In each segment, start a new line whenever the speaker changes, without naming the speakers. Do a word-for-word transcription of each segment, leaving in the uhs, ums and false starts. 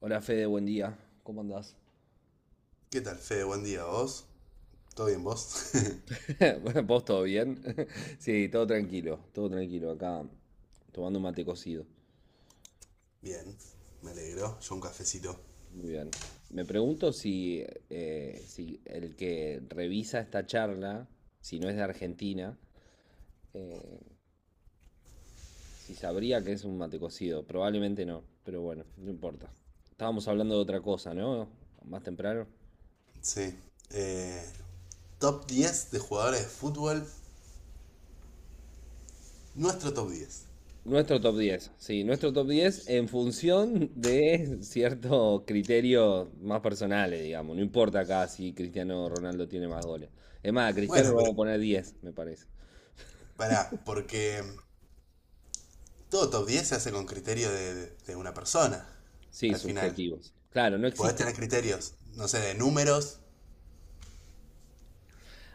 Hola Fede, buen día. ¿Cómo andás?
¿Qué tal, Fede? Buen día, ¿vos? ¿Todo bien, vos?
Bueno, ¿Vos todo bien? Sí, todo tranquilo, todo tranquilo. Acá tomando un mate cocido.
Bien, me alegro. Yo un cafecito.
Muy bien. Me pregunto si, eh, si el que revisa esta charla, si no es de Argentina, eh, si sabría que es un mate cocido. Probablemente no, pero bueno, no importa. Estábamos hablando de otra cosa, ¿no? Más temprano.
Sí. Eh, Top diez de jugadores de fútbol. Nuestro top diez.
Nuestro top diez, sí, nuestro top diez en función de ciertos criterios más personales, digamos. No importa acá si Cristiano Ronaldo tiene más goles. Es más, a Cristiano
Bueno,
lo
pero
vamos a poner diez, me parece.
pará, porque todo top diez se hace con criterio de, de una persona.
Sí,
Al final.
subjetivos. Claro, no
Podés
existe.
tener criterios, no sé, de números.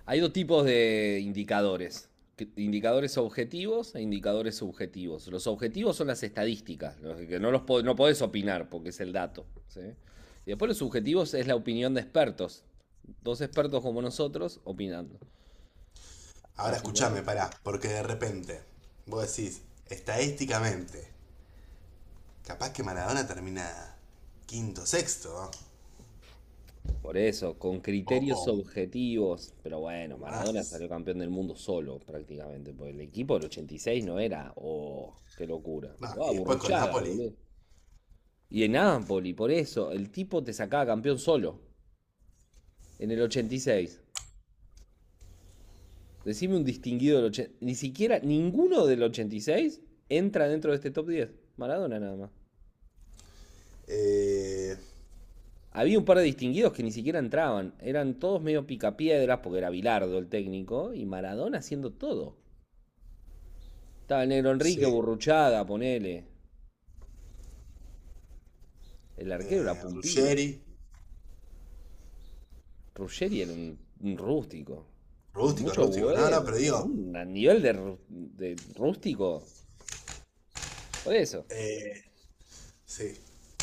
Hay dos tipos de indicadores. que- Indicadores objetivos e indicadores subjetivos. Los objetivos son las estadísticas, los que no los po- no podés opinar porque es el dato, ¿sí? Y después los subjetivos es la opinión de expertos. Dos expertos como nosotros opinando.
Ahora
Así que bueno,
escuchame, pará, porque de repente vos decís, estadísticamente, capaz que Maradona termina quinto, sexto, ¿no?
por eso, con
O,
criterios
o
objetivos, pero bueno,
o
Maradona
más.
salió campeón del mundo solo prácticamente, porque el equipo del ochenta y seis no era, oh, qué locura,
No,
jugaba
y después con
Burruchaga,
Napoli.
boludo. Y en Napoli por eso, el tipo te sacaba campeón solo, en el ochenta y seis. Decime un distinguido del ochenta y seis, ni siquiera ninguno del ochenta y seis entra dentro de este top diez. Maradona nada más.
Eh,
Había un par de distinguidos que ni siquiera entraban. Eran todos medio picapiedras, porque era Bilardo el técnico, y Maradona haciendo todo. Estaba el negro Enrique,
sí.
Burruchaga, ponele. El arquero era
Eh,
Pumpido.
Ruggeri.
Ruggeri era un, un rústico.
Rústico,
Mucho
rústico. No, no,
huevo,
pero
pero
digo.
un a nivel de, rú- de rústico. Por eso.
eh, sí.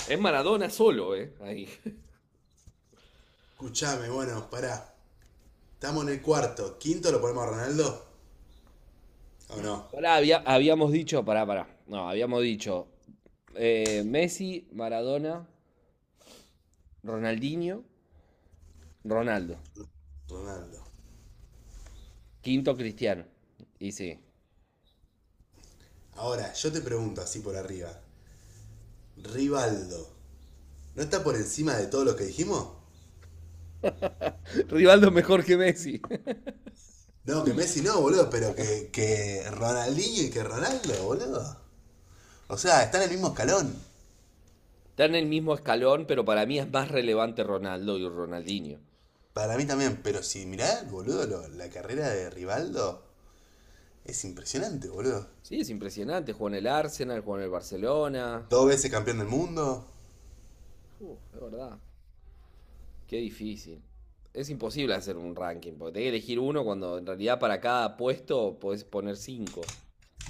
Es Maradona solo, ¿eh? Ahí.
Escuchame, bueno, pará. Estamos en el cuarto. ¿Quinto lo ponemos a Ronaldo? ¿O no?
Pará, había- habíamos dicho, pará, pará. No, habíamos dicho, eh, Messi, Maradona, Ronaldinho, Ronaldo.
Ronaldo.
Quinto Cristiano. Y sí.
Ahora, yo te pregunto así por arriba. Rivaldo. ¿No está por encima de todo lo que dijimos?
Rivaldo mejor que Messi.
No, que Messi no, boludo, pero que, que Ronaldinho y que Ronaldo, boludo. O sea, está en el mismo escalón.
Está en el mismo escalón, pero para mí es más relevante Ronaldo y Ronaldinho.
Para mí también, pero si mirá, boludo, lo- la carrera de Rivaldo es impresionante, boludo.
Sí, es impresionante. Jugó en el Arsenal, jugó en el Barcelona.
Dos veces campeón del mundo,
Uf, es verdad. Qué difícil. Es imposible hacer un ranking, porque tenés que elegir uno cuando en realidad para cada puesto podés poner cinco.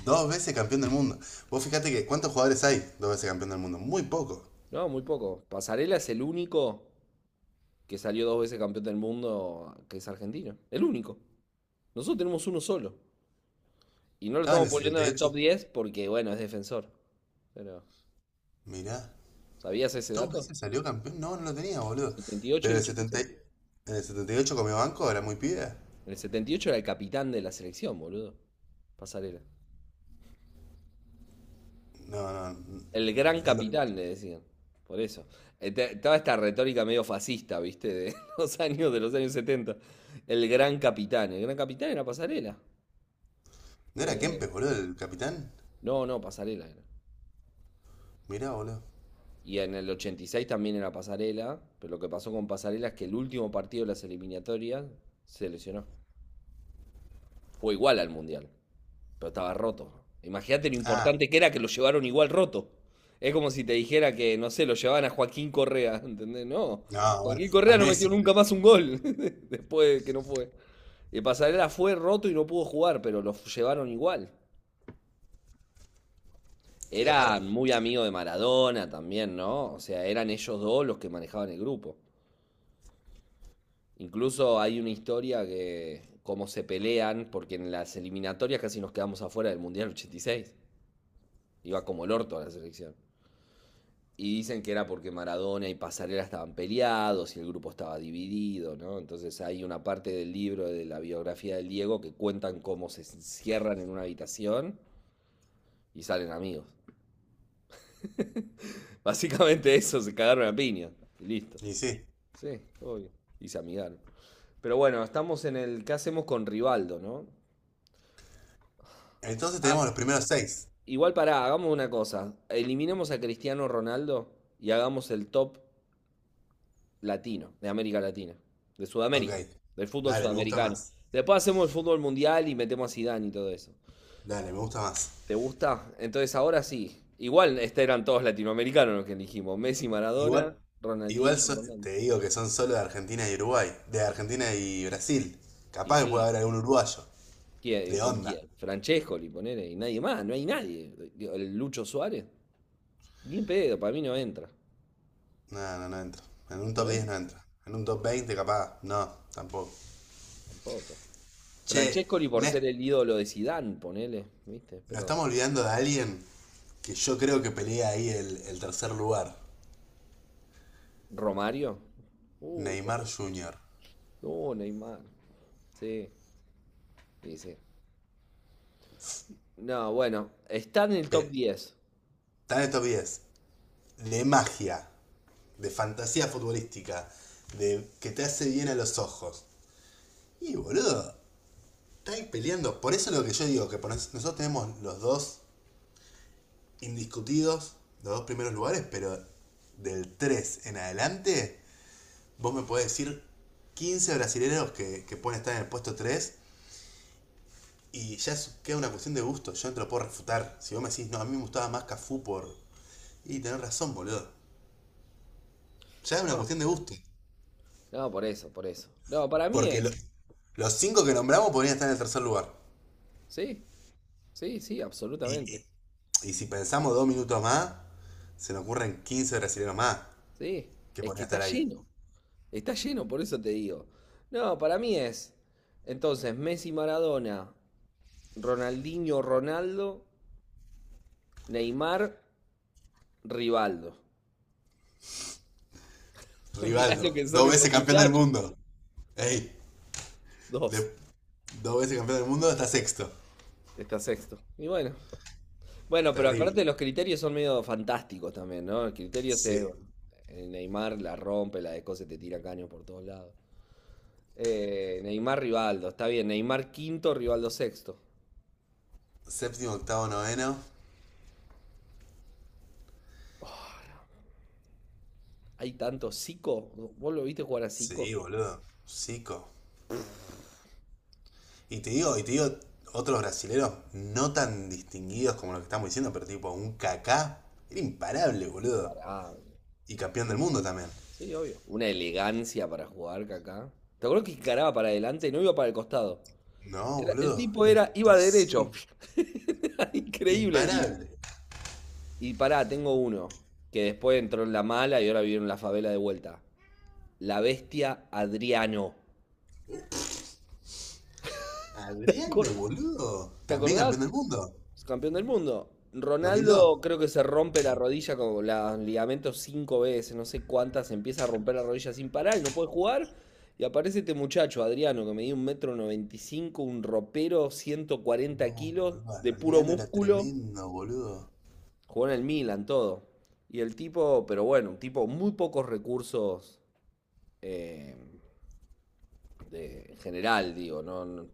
dos veces campeón del mundo. Vos fijate que cuántos jugadores hay dos veces campeón del mundo, muy poco.
No, muy poco. Pasarela es el único que salió dos veces campeón del mundo que es argentino. El único. Nosotros tenemos uno solo. Y no lo
Estaba en
estamos
el
poniendo en el
setenta y ocho,
top diez porque, bueno, es defensor. Pero,
mirá,
¿sabías ese
dos
dato?
veces salió campeón, no, no lo tenía, boludo.
Setenta y ocho y
Pero
y
el
ochenta y
setenta,
seis.
en el setenta y ocho comió banco, era muy pibe.
En el setenta y ocho era el capitán de la selección, boludo. Pasarela.
No, no,
El gran
no, lo-
capitán, le decían. Por eso. Eh, te- Toda esta retórica medio fascista, ¿viste? De los años, de los años setenta. El gran capitán. El gran capitán era Pasarela.
no era
Eh,
Kempes, boludo, el capitán.
no, no, Pasarela era.
Mirá, boludo.
Y en el ochenta y seis también era Pasarela, pero lo que pasó con Pasarela es que el último partido de las eliminatorias se lesionó. Fue igual al Mundial. Pero estaba roto. Imagínate lo
Ah,
importante que era que lo llevaron igual roto. Es como si te dijera que, no sé, lo llevaban a Joaquín Correa, ¿entendés? No,
no, bueno,
Joaquín
a
Correa no metió
Messi, boludo.
nunca más un gol después de que no fue. Y Pasarela fue roto y no pudo jugar, pero lo llevaron igual.
Qué
Eran
bárbaro.
muy amigos de Maradona también, ¿no? O sea, eran ellos dos los que manejaban el grupo. Incluso hay una historia que, cómo se pelean, porque en las eliminatorias casi nos quedamos afuera del Mundial ochenta y seis. Iba como el orto a la selección. Y dicen que era porque Maradona y Pasarela estaban peleados y el grupo estaba dividido, ¿no? Entonces hay una parte del libro de la biografía del Diego que cuentan cómo se cierran en una habitación y salen amigos. Básicamente eso, se cagaron a piña. Y listo.
Y sí.
Sí, obvio. Y se amigaron. Pero bueno, estamos en el, ¿qué hacemos con Rivaldo, no?
Entonces tenemos
Ah,
los primeros seis.
igual pará, hagamos una cosa. Eliminemos a Cristiano Ronaldo y hagamos el top latino, de América Latina, de
Ok.
Sudamérica, del fútbol
Dale, me gusta
sudamericano.
más.
Después hacemos el fútbol mundial y metemos a Zidane y todo eso.
Dale, me gusta más.
¿Te gusta? Entonces ahora sí. Igual este, eran todos latinoamericanos los que elegimos. Messi, Maradona,
Igual, igual
Ronaldinho,
so-
Ronaldo.
te digo que son solo de Argentina y Uruguay. De Argentina y Brasil.
Y
Capaz que puede
sí,
haber algún uruguayo.
¿quién? Eh,
De
pero
onda.
¿quién? Francescoli, ponele, y nadie más, no hay nadie. Digo, el Lucho Suárez, bien pedo, para mí no entra.
No, no, no entro. En un
No
top diez
entra,
no entra. En un top veinte, capaz. No, tampoco.
tampoco.
Che,
Francescoli por ser
ne-
el ídolo de Zidane, ponele, ¿viste?
nos
Pero
estamos olvidando de alguien que yo creo que pelea ahí el, el tercer lugar.
Romario, uy,
Neymar junior
no, Neymar. Sí, sí, sí. No, bueno, está en el top
Pe-
diez.
está en el top diez. De magia, de fantasía futbolística, de que te hace bien a los ojos. Y boludo, estáis peleando. Por eso es lo que yo digo, que nosotros tenemos los dos indiscutidos, los dos primeros lugares, pero del tres en adelante, vos me podés decir quince brasileños que, que pueden estar en el puesto tres y ya es- queda una cuestión de gusto. Yo no te lo puedo refutar. Si vos me decís, no, a mí me gustaba más Cafú por. Y tenés razón, boludo. Ya es una
No.
cuestión de gusto.
No, por eso, por eso. No, para mí
Porque lo-
es.
los cinco que nombramos podrían estar en el tercer lugar.
Sí, sí, sí,
Y,
absolutamente.
y, y si pensamos dos minutos más, se nos ocurren quince brasileños más
Sí,
que
es que
podrían
está
estar ahí.
lleno. Está lleno, por eso te digo. No, para mí es. Entonces, Messi, Maradona, Ronaldinho, Ronaldo, Neymar, Rivaldo. Mirá lo
Rivaldo,
que son
dos
esos
veces campeón del
muchachos.
mundo. Ey,
Dos.
de- dos veces campeón del mundo está sexto.
Está sexto. Y bueno, Bueno, pero
Terrible.
acuérdate, los criterios son medio fantásticos también, ¿no? El criterio es, eh,
Sí.
bueno, eh, Neymar la rompe, la de cose te tira caños por todos lados. Eh, Neymar, Rivaldo, está bien. Neymar quinto, Rivaldo sexto.
Séptimo, octavo, noveno.
Oh, hay tanto. Zico, ¿vos lo viste jugar a
Sí,
Zico?
boludo. Cico. Y te digo, y te digo, otros brasileros no tan distinguidos como lo que estamos diciendo, pero tipo un Kaká. Era imparable, boludo.
Pará,
Y campeón del
un-
mundo también.
sí, obvio. Una elegancia para jugar que acá. ¿Te acuerdas que encaraba para adelante y no iba para el costado?
No,
Era- el
boludo.
tipo era, iba derecho.
Imposible.
Era increíble. Y,
Imparable.
y pará, tengo uno. Que después entró en la mala y ahora vive en la favela de vuelta. La bestia Adriano. ¿Te
Adriano,
acordás?
boludo.
¿Te
También
acordás?
campeón del mundo.
Es campeón del mundo.
Dos mil dos.
Ronaldo creo que se rompe la rodilla con los ligamentos cinco veces, no sé cuántas, se empieza a romper la rodilla sin parar y no puede jugar. Y aparece este muchacho, Adriano, que medía un metro noventa y cinco, un ropero, ciento cuarenta
No,
kilos,
boludo.
de puro
Adriano era
músculo.
tremendo, boludo.
Jugó en el Milan, todo. Y el tipo, pero bueno, un tipo muy pocos recursos, eh, de- en general, digo, no, no-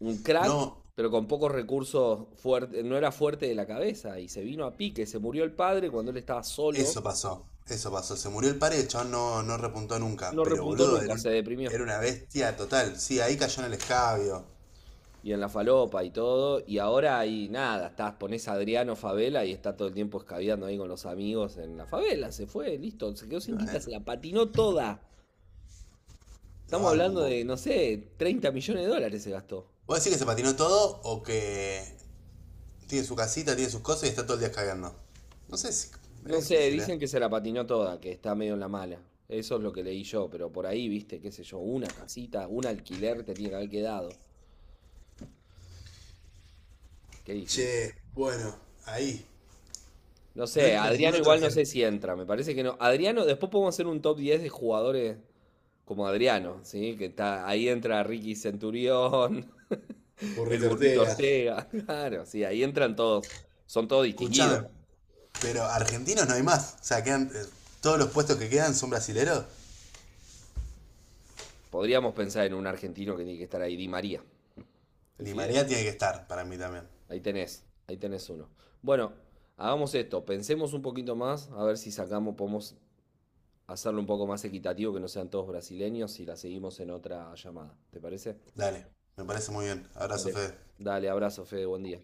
un crack,
No,
pero con pocos recursos, fuerte, no era fuerte de la cabeza y se vino a pique, se murió el padre cuando él estaba solo,
eso pasó. Eso pasó. Se murió el padre, el chabón no, no repuntó nunca.
no
Pero,
repuntó
boludo, era,
nunca, se
un-
deprimió.
era una bestia total. Sí, ahí cayó en el escabio.
Y en la falopa y todo, y ahora ahí nada, estás, pones a Adriano Favela y está todo el tiempo escabeando ahí con los amigos en la favela, se fue, listo, se quedó sin guita, se
Bueno,
la patinó toda.
lo
Estamos
banco un
hablando
poco.
de, no sé, treinta millones de dólares se gastó.
¿Vos decís que se patinó todo o que tiene su casita, tiene sus cosas y está todo el día cagando? No sé si
No
es
sé,
difícil, ¿eh?
dicen que se la patinó toda, que está medio en la mala. Eso es lo que leí yo, pero por ahí, viste, qué sé yo, una casita, un alquiler te tiene que haber quedado. Qué difícil.
Che, bueno, ahí.
No
No
sé,
entra ningún
Adriano
otro
igual no
argentino.
sé si entra, me parece que no. Adriano, después podemos hacer un top diez de jugadores como Adriano, ¿sí? Que está, ahí entra Ricky Centurión, el
Burrito
burrito
Ortega.
Ortega, claro, sí, ahí entran todos, son todos distinguidos.
Escuchame, pero argentinos no hay más. O sea, quedan, eh, todos los puestos que quedan son brasileros.
Podríamos pensar en un argentino que tiene que estar ahí, Di María, el
Ni
Fideo.
María tiene que estar, para mí también.
Ahí tenés, ahí tenés uno. Bueno, hagamos esto, pensemos un poquito más, a ver si sacamos, podemos hacerlo un poco más equitativo, que no sean todos brasileños, y la seguimos en otra llamada. ¿Te parece?
Dale, me parece muy bien. Abrazo,
Dale.
Fede.
Dale, abrazo, Fede, buen día.